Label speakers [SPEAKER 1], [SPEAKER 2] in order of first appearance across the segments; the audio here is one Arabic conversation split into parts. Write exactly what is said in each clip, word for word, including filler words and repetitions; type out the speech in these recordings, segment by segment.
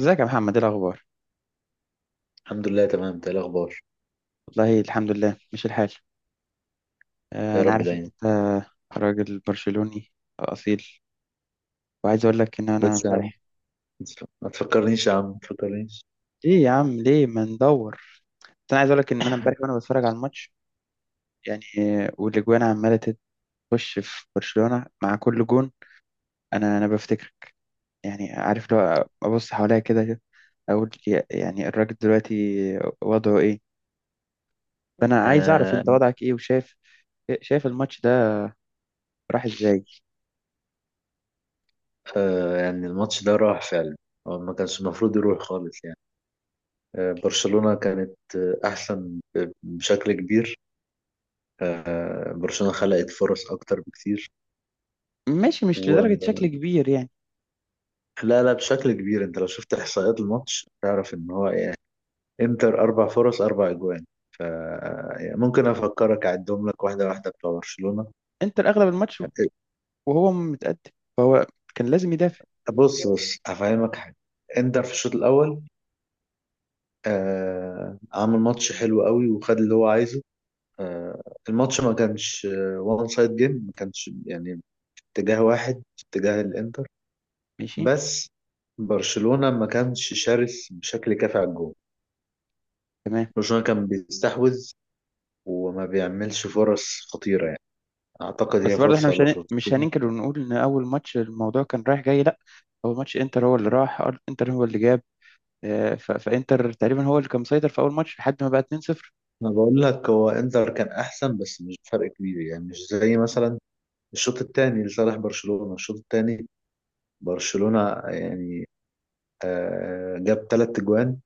[SPEAKER 1] ازيك يا محمد؟ ايه الاخبار؟
[SPEAKER 2] الحمد لله، تمام ده الاخبار.
[SPEAKER 1] والله الحمد لله. مش الحال؟ آه،
[SPEAKER 2] يا
[SPEAKER 1] انا
[SPEAKER 2] رب
[SPEAKER 1] عارف ان
[SPEAKER 2] دايما.
[SPEAKER 1] انت راجل برشلوني اصيل، وعايز اقول لك ان انا
[SPEAKER 2] بس يا عم،
[SPEAKER 1] امبارح...
[SPEAKER 2] ما تفكرنيش يا عم، ما تفكرنيش.
[SPEAKER 1] ليه يا عم ليه ما ندور؟ بس انا عايز اقول لك ان انا امبارح وانا بتفرج على الماتش، يعني آه، والاجوان عماله تخش في برشلونة مع كل جون. انا انا بفتكر يعني، عارف لو ابص حواليا كده كده، اقول يا- يعني الراجل دلوقتي وضعه ايه؟ فانا عايز اعرف انت
[SPEAKER 2] آه
[SPEAKER 1] وضعك ايه، وشايف... شايف الماتش ده راح ازاي؟
[SPEAKER 2] آه يعني الماتش ده راح فعلا. هو ما كانش المفروض يروح خالص يعني. آه برشلونة كانت آه احسن ب- بشكل كبير. آه برشلونة خلقت فرص اكتر بكتير.
[SPEAKER 1] ماشي، مش
[SPEAKER 2] و
[SPEAKER 1] لدرجة شكل كبير يعني.
[SPEAKER 2] لا لا، بشكل كبير. انت لو شفت احصائيات الماتش تعرف ان هو يعني انتر اربع فرص، اربع اجوان. ف يعني ممكن افكرك اعدهم لك واحده واحده بتوع برشلونه.
[SPEAKER 1] انتر اغلب الماتش وهو متقدم، فهو كان لازم يدافع.
[SPEAKER 2] بص بص، هفهمك حاجة. انتر في الشوط الأول آه عمل ماتش حلو قوي وخد اللي هو عايزه. آه الماتش ما كانش وان سايد جيم، ما كانش يعني اتجاه واحد، اتجاه الانتر.
[SPEAKER 1] ماشي.
[SPEAKER 2] بس برشلونة ما كانش شرس بشكل كافي على الجول.
[SPEAKER 1] تمام.
[SPEAKER 2] برشلونة كان بيستحوذ وما بيعملش فرص خطيرة يعني. أعتقد هي
[SPEAKER 1] بس برضه احنا
[SPEAKER 2] فرصة
[SPEAKER 1] مش
[SPEAKER 2] ولا
[SPEAKER 1] هن... مش
[SPEAKER 2] فرصتين.
[SPEAKER 1] هننكر ونقول ان اول ماتش الموضوع كان رايح جاي، لا. اول ماتش انتر هو اللي راح أر- انتر هو اللي جاب آه، ف... فانتر تقريبا هو اللي كان مسيطر في اول ماتش لحد ما بقى اتنين صفر.
[SPEAKER 2] أنا بقول لك هو إنتر كان أحسن، بس مش فرق كبير يعني، مش زي مثلا الشوط الثاني لصالح برشلونة. الشوط الثاني برشلونة يعني آه، جاب ثلاث اجوان.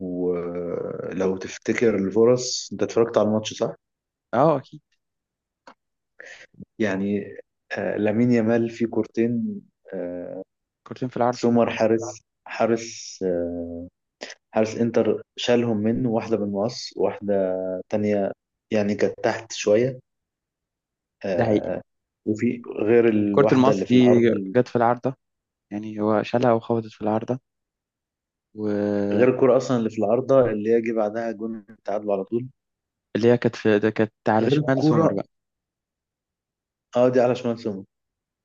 [SPEAKER 2] ولو تفتكر الفرص، انت اتفرجت على الماتش صح؟
[SPEAKER 1] اه اكيد.
[SPEAKER 2] يعني آه، لامين يامال في كورتين. آه،
[SPEAKER 1] كورتين في العارضه.
[SPEAKER 2] سومر حارس حارس، آه، حارس انتر شالهم منه، واحدة بالمقص، واحدة تانية يعني كانت تحت شوية.
[SPEAKER 1] ده حقيقي.
[SPEAKER 2] آه، وفي غير
[SPEAKER 1] كرة
[SPEAKER 2] الواحدة
[SPEAKER 1] المقص
[SPEAKER 2] اللي في
[SPEAKER 1] دي
[SPEAKER 2] العارضة.
[SPEAKER 1] جت في العارضه، يعني هو شالها وخبطت في العارضه. واللي
[SPEAKER 2] غير الكرة أصلا اللي في العارضة اللي هي جه بعدها جون التعادل على طول.
[SPEAKER 1] هي كانت في ده كانت على
[SPEAKER 2] غير
[SPEAKER 1] شمال سومر
[SPEAKER 2] الكرة،
[SPEAKER 1] بقى.
[SPEAKER 2] اه دي على شمال سومر.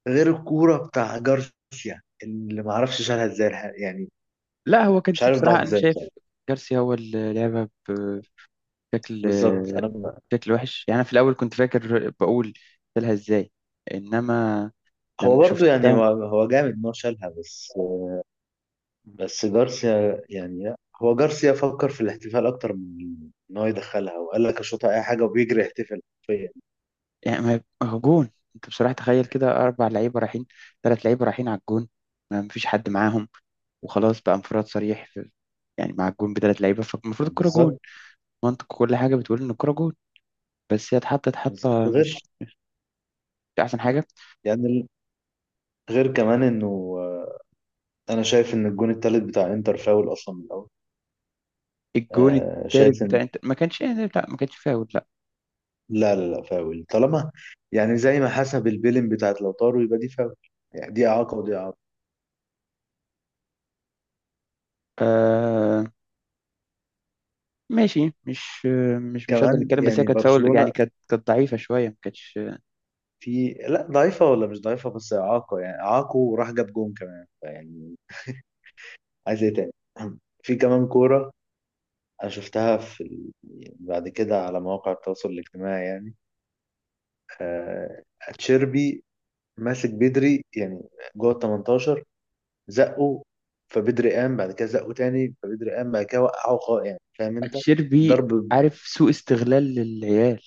[SPEAKER 2] غير الكورة بتاع جارسيا اللي ما اعرفش شالها ازاي الح- يعني
[SPEAKER 1] لا هو كانت
[SPEAKER 2] مش
[SPEAKER 1] دي،
[SPEAKER 2] عارف ضاعت
[SPEAKER 1] بصراحه انا
[SPEAKER 2] ازاي
[SPEAKER 1] شايف
[SPEAKER 2] بصراحة.
[SPEAKER 1] جارسيا هو اللي لعبها ب- بشكل
[SPEAKER 2] بالظبط، انا ب-
[SPEAKER 1] بشكل وحش يعني. أنا في الأول كنت فاكر، بقول شالها إزاي، إنما
[SPEAKER 2] هو
[SPEAKER 1] لما
[SPEAKER 2] برضو يعني
[SPEAKER 1] شفتها...
[SPEAKER 2] هو هو جامد ان هو شالها، بس بس جارسيا يعني لا. هو جارسيا فكر في الاحتفال اكتر من ان هو يدخلها، وقال لك اشوطها اي حاجة وبيجري يحتفل حرفيا.
[SPEAKER 1] يعني ما هو جون، أنت بصراحة تخيل كده أربع لعيبة رايحين، ثلاث لعيبة رايحين على الجون، ما مفيش حد معاهم، وخلاص بقى انفراد صريح في... يعني مع الجون بثلاث لعيبة، فالمفروض
[SPEAKER 2] يعني
[SPEAKER 1] الكرة جون.
[SPEAKER 2] بالظبط.
[SPEAKER 1] منطق كل حاجة بتقول إن الكرة جون، بس هي اتحطت
[SPEAKER 2] بالظبط
[SPEAKER 1] حطة
[SPEAKER 2] غير
[SPEAKER 1] مش مش أحسن حاجة.
[SPEAKER 2] يعني ال- غير كمان انه، آه، انا شايف ان الجون التالت بتاع انتر فاول اصلا من الاول.
[SPEAKER 1] الجون
[SPEAKER 2] آه،
[SPEAKER 1] التالت
[SPEAKER 2] شايف،
[SPEAKER 1] بتاع أنت ما كانش، يعني لا ما كانش فاول، لا.
[SPEAKER 2] لا لا لا، فاول طالما يعني زي ما حسب البيلين بتاعت لوتارو يبقى دي فاول. يعني دي إعاقة ودي إعاقة
[SPEAKER 1] آه، ماشي. مش مش مش هقدر
[SPEAKER 2] كمان
[SPEAKER 1] نتكلم، بس هي
[SPEAKER 2] يعني.
[SPEAKER 1] كانت فاول يعني،
[SPEAKER 2] برشلونة
[SPEAKER 1] كانت كانت ضعيفة شوية، ما كانتش...
[SPEAKER 2] في لا ضعيفة ولا مش ضعيفة، بس إعاقة يعني. إعاقة وراح جاب جون كمان يعني، عايز إيه تاني؟ في كمان كورة أنا شفتها في ال... بعد كده على مواقع التواصل الاجتماعي يعني. آه... تشيربي ماسك بدري يعني جوه ال تمنتاشر، زقه، فبدري قام، بعد كده زقه تاني فبدري قام، بعد كده وقعه خالص يعني، فاهم انت؟
[SPEAKER 1] اتشيربي،
[SPEAKER 2] ضرب،
[SPEAKER 1] عارف، سوء استغلال للعيال،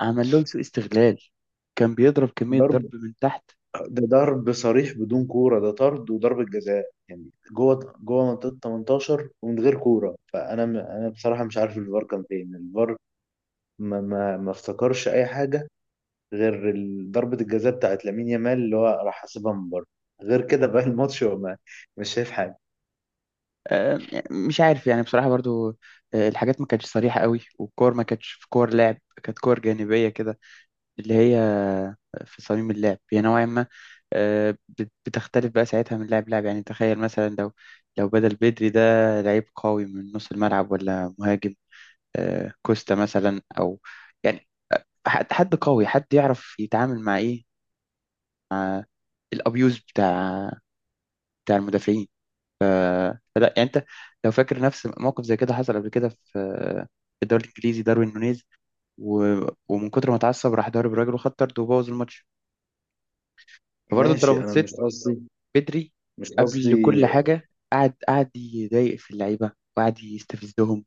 [SPEAKER 1] عمل لهم سوء استغلال، كان بيضرب كمية
[SPEAKER 2] ضرب.
[SPEAKER 1] ضرب من تحت.
[SPEAKER 2] ده ضرب صريح بدون كورة، ده طرد وضربة جزاء يعني، جوه جوه منطقة تمنتاشر ومن غير كورة. فأنا م... أنا بصراحة مش عارف الفار كان فين. الفار ما ما, ما افتكرش أي حاجة غير ال- ضربة الجزاء بتاعت لامين يامال اللي هو راح حاسبها من بره. غير كده بقى الماتش هو ما، مش شايف حاجة.
[SPEAKER 1] آه، مش عارف يعني بصراحة برضو، آه، الحاجات ما كانتش صريحة قوي، والكور ما كانتش في كور لعب، كانت كور جانبية كده، اللي هي آه، في صميم اللعب هي نوعا ما آه، بت- بتختلف بقى ساعتها من لاعب لاعب، يعني تخيل مثلا لو لو بدل بدري ده لعيب قوي من نص الملعب ولا مهاجم، آه، كوستا مثلا او يعني، حد حد قوي حد يعرف يتعامل مع ايه، الابيوز بتاع بتاع المدافعين. فلا يعني انت لو فاكر نفس موقف زي كده حصل قبل كده في في الدوري الانجليزي، داروين نونيز و... ومن كتر ما اتعصب راح ضارب راجل وخد طرد وبوظ الماتش. فبرضه انت لو
[SPEAKER 2] ماشي، أنا
[SPEAKER 1] بصيت،
[SPEAKER 2] مش قصدي،
[SPEAKER 1] بدري
[SPEAKER 2] مش
[SPEAKER 1] قبل
[SPEAKER 2] قصدي.
[SPEAKER 1] كل حاجه قعد قعد يضايق في اللعيبه، وقعد يستفزهم،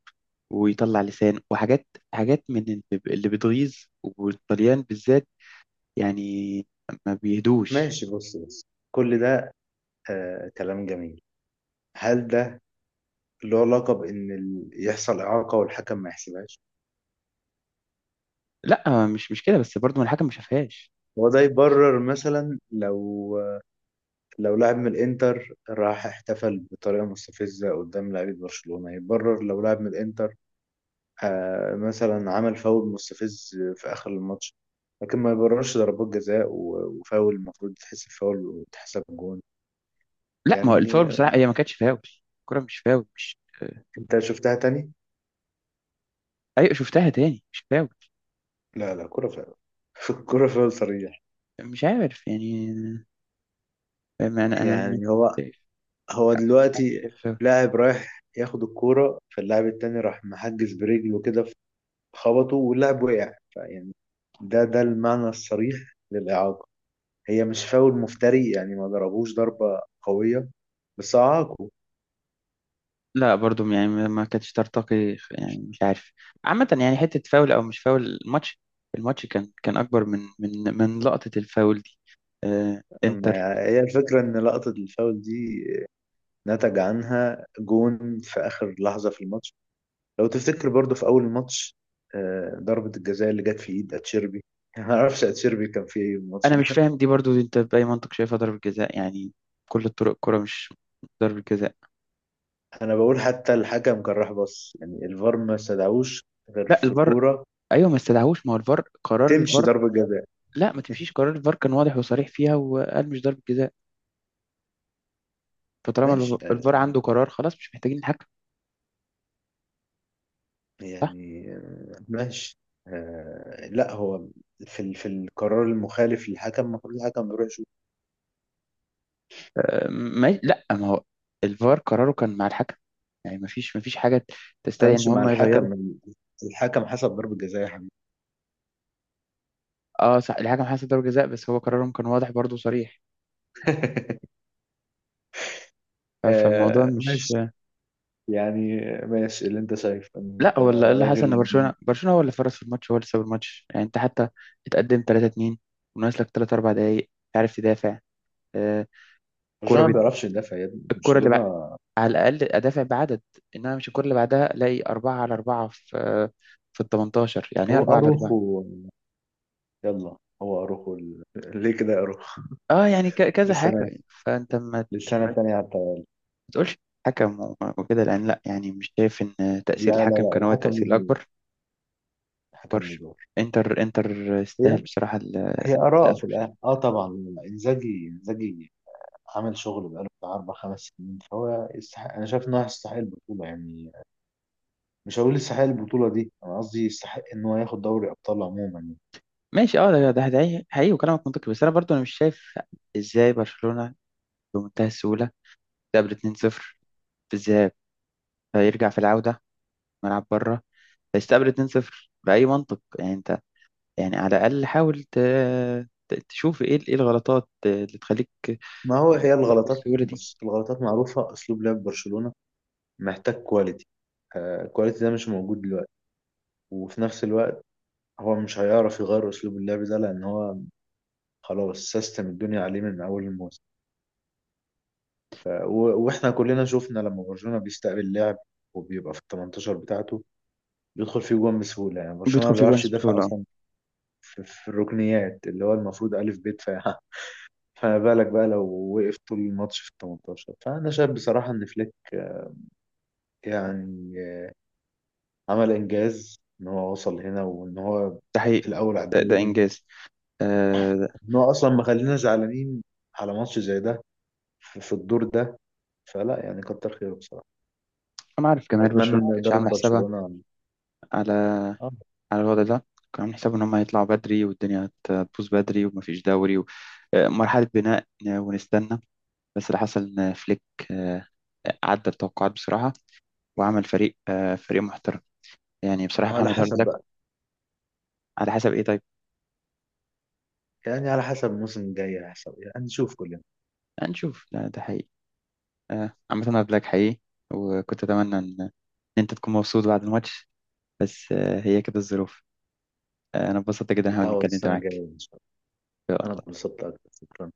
[SPEAKER 1] ويطلع لسان وحاجات، حاجات من اللي اللي بتغيظ، والطليان بالذات يعني ما بيهدوش.
[SPEAKER 2] ماشي، بص بص، كل ده آه كلام جميل. هل ده له علاقة بإن ال- يحصل إعاقة والحكم ما يحسبهاش؟
[SPEAKER 1] لا مش مش كده، بس برضه ما الحكم ما شافهاش.
[SPEAKER 2] هو ده يبرر مثلا لو لو لاعب من الانتر راح احتفل بطريقه مستفزه قدام لاعيبه برشلونه؟ يبرر لو لاعب من الانتر آه، مثلا عمل فاول مستفز في اخر الماتش؟ لكن ما يبررش ضربات جزاء و- وفاول، المفروض تحسب فاول وتحسب جون.
[SPEAKER 1] لا ما هو
[SPEAKER 2] يعني
[SPEAKER 1] الفاول
[SPEAKER 2] آه،
[SPEAKER 1] بصراحه هي ما كانتش فاول، الكره مش فاول، مش...
[SPEAKER 2] انت شفتها تاني؟
[SPEAKER 1] ايوه، شفتها تاني، مش فاول.
[SPEAKER 2] لا لا، كرة فاول. كرة فاول صريح.
[SPEAKER 1] مش عارف يعني. فاهم؟ انا انا مش
[SPEAKER 2] يعني هو هو
[SPEAKER 1] عارف،
[SPEAKER 2] دلوقتي
[SPEAKER 1] شايف فاول.
[SPEAKER 2] لاعب رايح ياخد الكورة، فاللاعب التاني راح محجز برجله كده، خبطه واللاعب وقع، فيعني ده ده المعنى الصريح للإعاقة. هي مش فاول مفتري يعني، ما ضربوش ضربة قوية، بس أعاقه.
[SPEAKER 1] لا برضو يعني ما ما كانتش ترتقي، يعني مش عارف. عامه يعني، حته فاول او مش فاول، الماتش الماتش كان كان اكبر من من من لقطه الفاول دي. آه، انتر...
[SPEAKER 2] أما هي الفكرة إن لقطة الفاول دي نتج عنها جون في آخر لحظة في الماتش. لو تفتكر برضه في أول الماتش آه، ضربة الجزاء اللي جت في إيد أتشيربي. ما أعرفش أتشيربي كان في إيه الماتش
[SPEAKER 1] انا مش
[SPEAKER 2] ده.
[SPEAKER 1] فاهم دي برضو، دي انت باي منطق شايفها ضربه جزاء يعني؟ كل الطرق الكره مش ضربه جزاء.
[SPEAKER 2] أنا بقول حتى الحكم كان راح بص يعني، الفار ما استدعوش غير
[SPEAKER 1] لا
[SPEAKER 2] في
[SPEAKER 1] الفار،
[SPEAKER 2] كورة
[SPEAKER 1] ايوه ما استدعوش، ما هو الفار قرار
[SPEAKER 2] تمشي
[SPEAKER 1] الفار.
[SPEAKER 2] ضربة جزاء.
[SPEAKER 1] لا ما تمشيش، قرار الفار كان واضح وصريح فيها، وقال مش ضربة جزاء. فطالما
[SPEAKER 2] ماشي
[SPEAKER 1] الف-
[SPEAKER 2] آه،
[SPEAKER 1] الفار عنده قرار خلاص، مش محتاجين الحكم. صح.
[SPEAKER 2] يعني آه، ماشي. آه لا، هو في ال- في القرار المخالف للحكم، المفروض الحكم يروح يشوف.
[SPEAKER 1] آه، ما لا ما هو الفار قراره كان مع الحكم، يعني ما فيش ما فيش حاجة
[SPEAKER 2] ما
[SPEAKER 1] تستدعي ان
[SPEAKER 2] كانش مع
[SPEAKER 1] هم يغيروا.
[SPEAKER 2] الحكم، الحكم حسب ضربة جزاء يا حبيبي.
[SPEAKER 1] اه صح، الحكم حسب ضربة جزاء، بس هو قرارهم كان واضح برضه وصريح. ف- فالموضوع
[SPEAKER 2] آه
[SPEAKER 1] مش...
[SPEAKER 2] ماشي يعني، ماشي اللي انت شايف، انت
[SPEAKER 1] لا هو اللي اللي حصل ان
[SPEAKER 2] راجل.
[SPEAKER 1] برشلونة برشلونة هو اللي فرص في الماتش، هو اللي ساب الماتش. يعني انت حتى اتقدم ثلاثة اثنين وناقص لك ثلاثة اربعة دقايق، عارف تدافع. آه، كرة
[SPEAKER 2] برشلونة ما
[SPEAKER 1] بت...
[SPEAKER 2] بيعرفش يدافع يا ابني.
[SPEAKER 1] الكرة
[SPEAKER 2] برشلونة
[SPEAKER 1] اللي على الأقل أدافع بعدد، إنما مش الكرة اللي بعدها ألاقي أربعة على أربعة في في ال تمنتاشر، يعني إيه
[SPEAKER 2] هو
[SPEAKER 1] أربعة على أربعة؟
[SPEAKER 2] اروخو، يلا هو اروخو ال- ليه كده يا اروخو؟
[SPEAKER 1] أه يعني ك- كذا حاجة
[SPEAKER 2] للسنة،
[SPEAKER 1] يعني. فأنت ما ت-
[SPEAKER 2] للسنة
[SPEAKER 1] ما
[SPEAKER 2] التانية حتى.
[SPEAKER 1] تقولش حكم و- وكده، لأن لأ يعني مش شايف إن تأثير
[SPEAKER 2] لا لا
[SPEAKER 1] الحكم
[SPEAKER 2] لا،
[SPEAKER 1] كان هو
[SPEAKER 2] الحكم ليه
[SPEAKER 1] التأثير
[SPEAKER 2] دور،
[SPEAKER 1] الأكبر.
[SPEAKER 2] الحكم ليه دور.
[SPEAKER 1] إنتر إنتر
[SPEAKER 2] هي
[SPEAKER 1] استاهل بصراحة ال-
[SPEAKER 2] هي اراء
[SPEAKER 1] التأهل.
[SPEAKER 2] في الاخر، اه طبعا. انزاجي، انزاجي عمل شغل بقاله بتاع أربع خمس سنين، فهو يستحق. أنا شايف إن هو يستحق البطولة يعني. مش هقول يستحق البطولة دي، أنا قصدي يستحق إن هو ياخد دوري أبطال عموما يعني.
[SPEAKER 1] ماشي، أه ده ده ده حقيقي وكلامك منطقي، بس أنا برضو أنا مش شايف إزاي برشلونة بمنتهى السهولة تقابل اتنين صفر في الذهاب فيرجع في العودة ملعب بره فيستقبل اتنين صفر بأي منطق يعني؟ يعني على الأقل حاول ت... ت- تشوف إيه إيه الغلطات اللي تخليك
[SPEAKER 2] ما هو هي
[SPEAKER 1] تروح
[SPEAKER 2] الغلطات،
[SPEAKER 1] بالسهولة دي.
[SPEAKER 2] بس الغلطات معروفة، أسلوب لعب برشلونة محتاج كواليتي. آه، الكواليتي ده مش موجود دلوقتي. وفي نفس الوقت هو مش هيعرف يغير أسلوب اللعب ده، لأن هو خلاص سيستم الدنيا عليه من أول الموسم. آه، و- وإحنا كلنا شفنا لما برشلونة بيستقبل لعب وبيبقى في ال ثمانية عشر بتاعته، بيدخل فيه جوان بسهولة. يعني برشلونة
[SPEAKER 1] بيدخل
[SPEAKER 2] ما
[SPEAKER 1] في جوان
[SPEAKER 2] بيعرفش يدافع
[SPEAKER 1] بسهولة، آه.
[SPEAKER 2] أصلا في, في, الركنيات اللي هو المفروض ألف ب دفاع. فما بالك بقى لو وقف طول الماتش في ال تمنتاشر؟ فأنا شايف بصراحة إن فليك يعني عمل إنجاز إن هو وصل هنا وإن هو
[SPEAKER 1] ده حقيقي.
[SPEAKER 2] الأول على
[SPEAKER 1] ده, ده
[SPEAKER 2] الدوري.
[SPEAKER 1] إنجاز. آه.
[SPEAKER 2] إن هو أصلا ما خلينا زعلانين على ماتش زي ده في في الدور ده. فلا يعني، كتر خيره بصراحة.
[SPEAKER 1] أنا عارف جماهير
[SPEAKER 2] وأتمنى
[SPEAKER 1] برشلونة ما
[SPEAKER 2] إن
[SPEAKER 1] كانتش
[SPEAKER 2] إدارة
[SPEAKER 1] عاملة حسابها
[SPEAKER 2] برشلونة
[SPEAKER 1] على
[SPEAKER 2] آه،
[SPEAKER 1] على الوضع ده. كانوا عاملين حسابهم إن هم يطلعوا بدري والدنيا هتبوظ بدري ومفيش دوري و... آه، مرحلة بناء، آه، ونستنى. بس اللي حصل إن فليك آه، عدى التوقعات بصراحة، وعمل فريق آه، فريق محترم. يعني بصراحة
[SPEAKER 2] على
[SPEAKER 1] محمد هارد
[SPEAKER 2] حسب
[SPEAKER 1] لك.
[SPEAKER 2] بقى.
[SPEAKER 1] على حسب إيه طيب؟
[SPEAKER 2] يعني على حسب الموسم الجاي هيحصل إيه. يعني نشوف كلنا.
[SPEAKER 1] هنشوف، لا ده حقيقي. آه، عامة أنا قبلك حقيقي، وكنت أتمنى إن إن أنت تكون مبسوط بعد الماتش، بس آه، هي كده الظروف. آه، أنا اتبسطت جدا إن أنا
[SPEAKER 2] تتعوض
[SPEAKER 1] اتكلمت
[SPEAKER 2] السنة
[SPEAKER 1] معاك.
[SPEAKER 2] الجاية إن شاء الله. أنا اتبسطت أكتر، شكرا.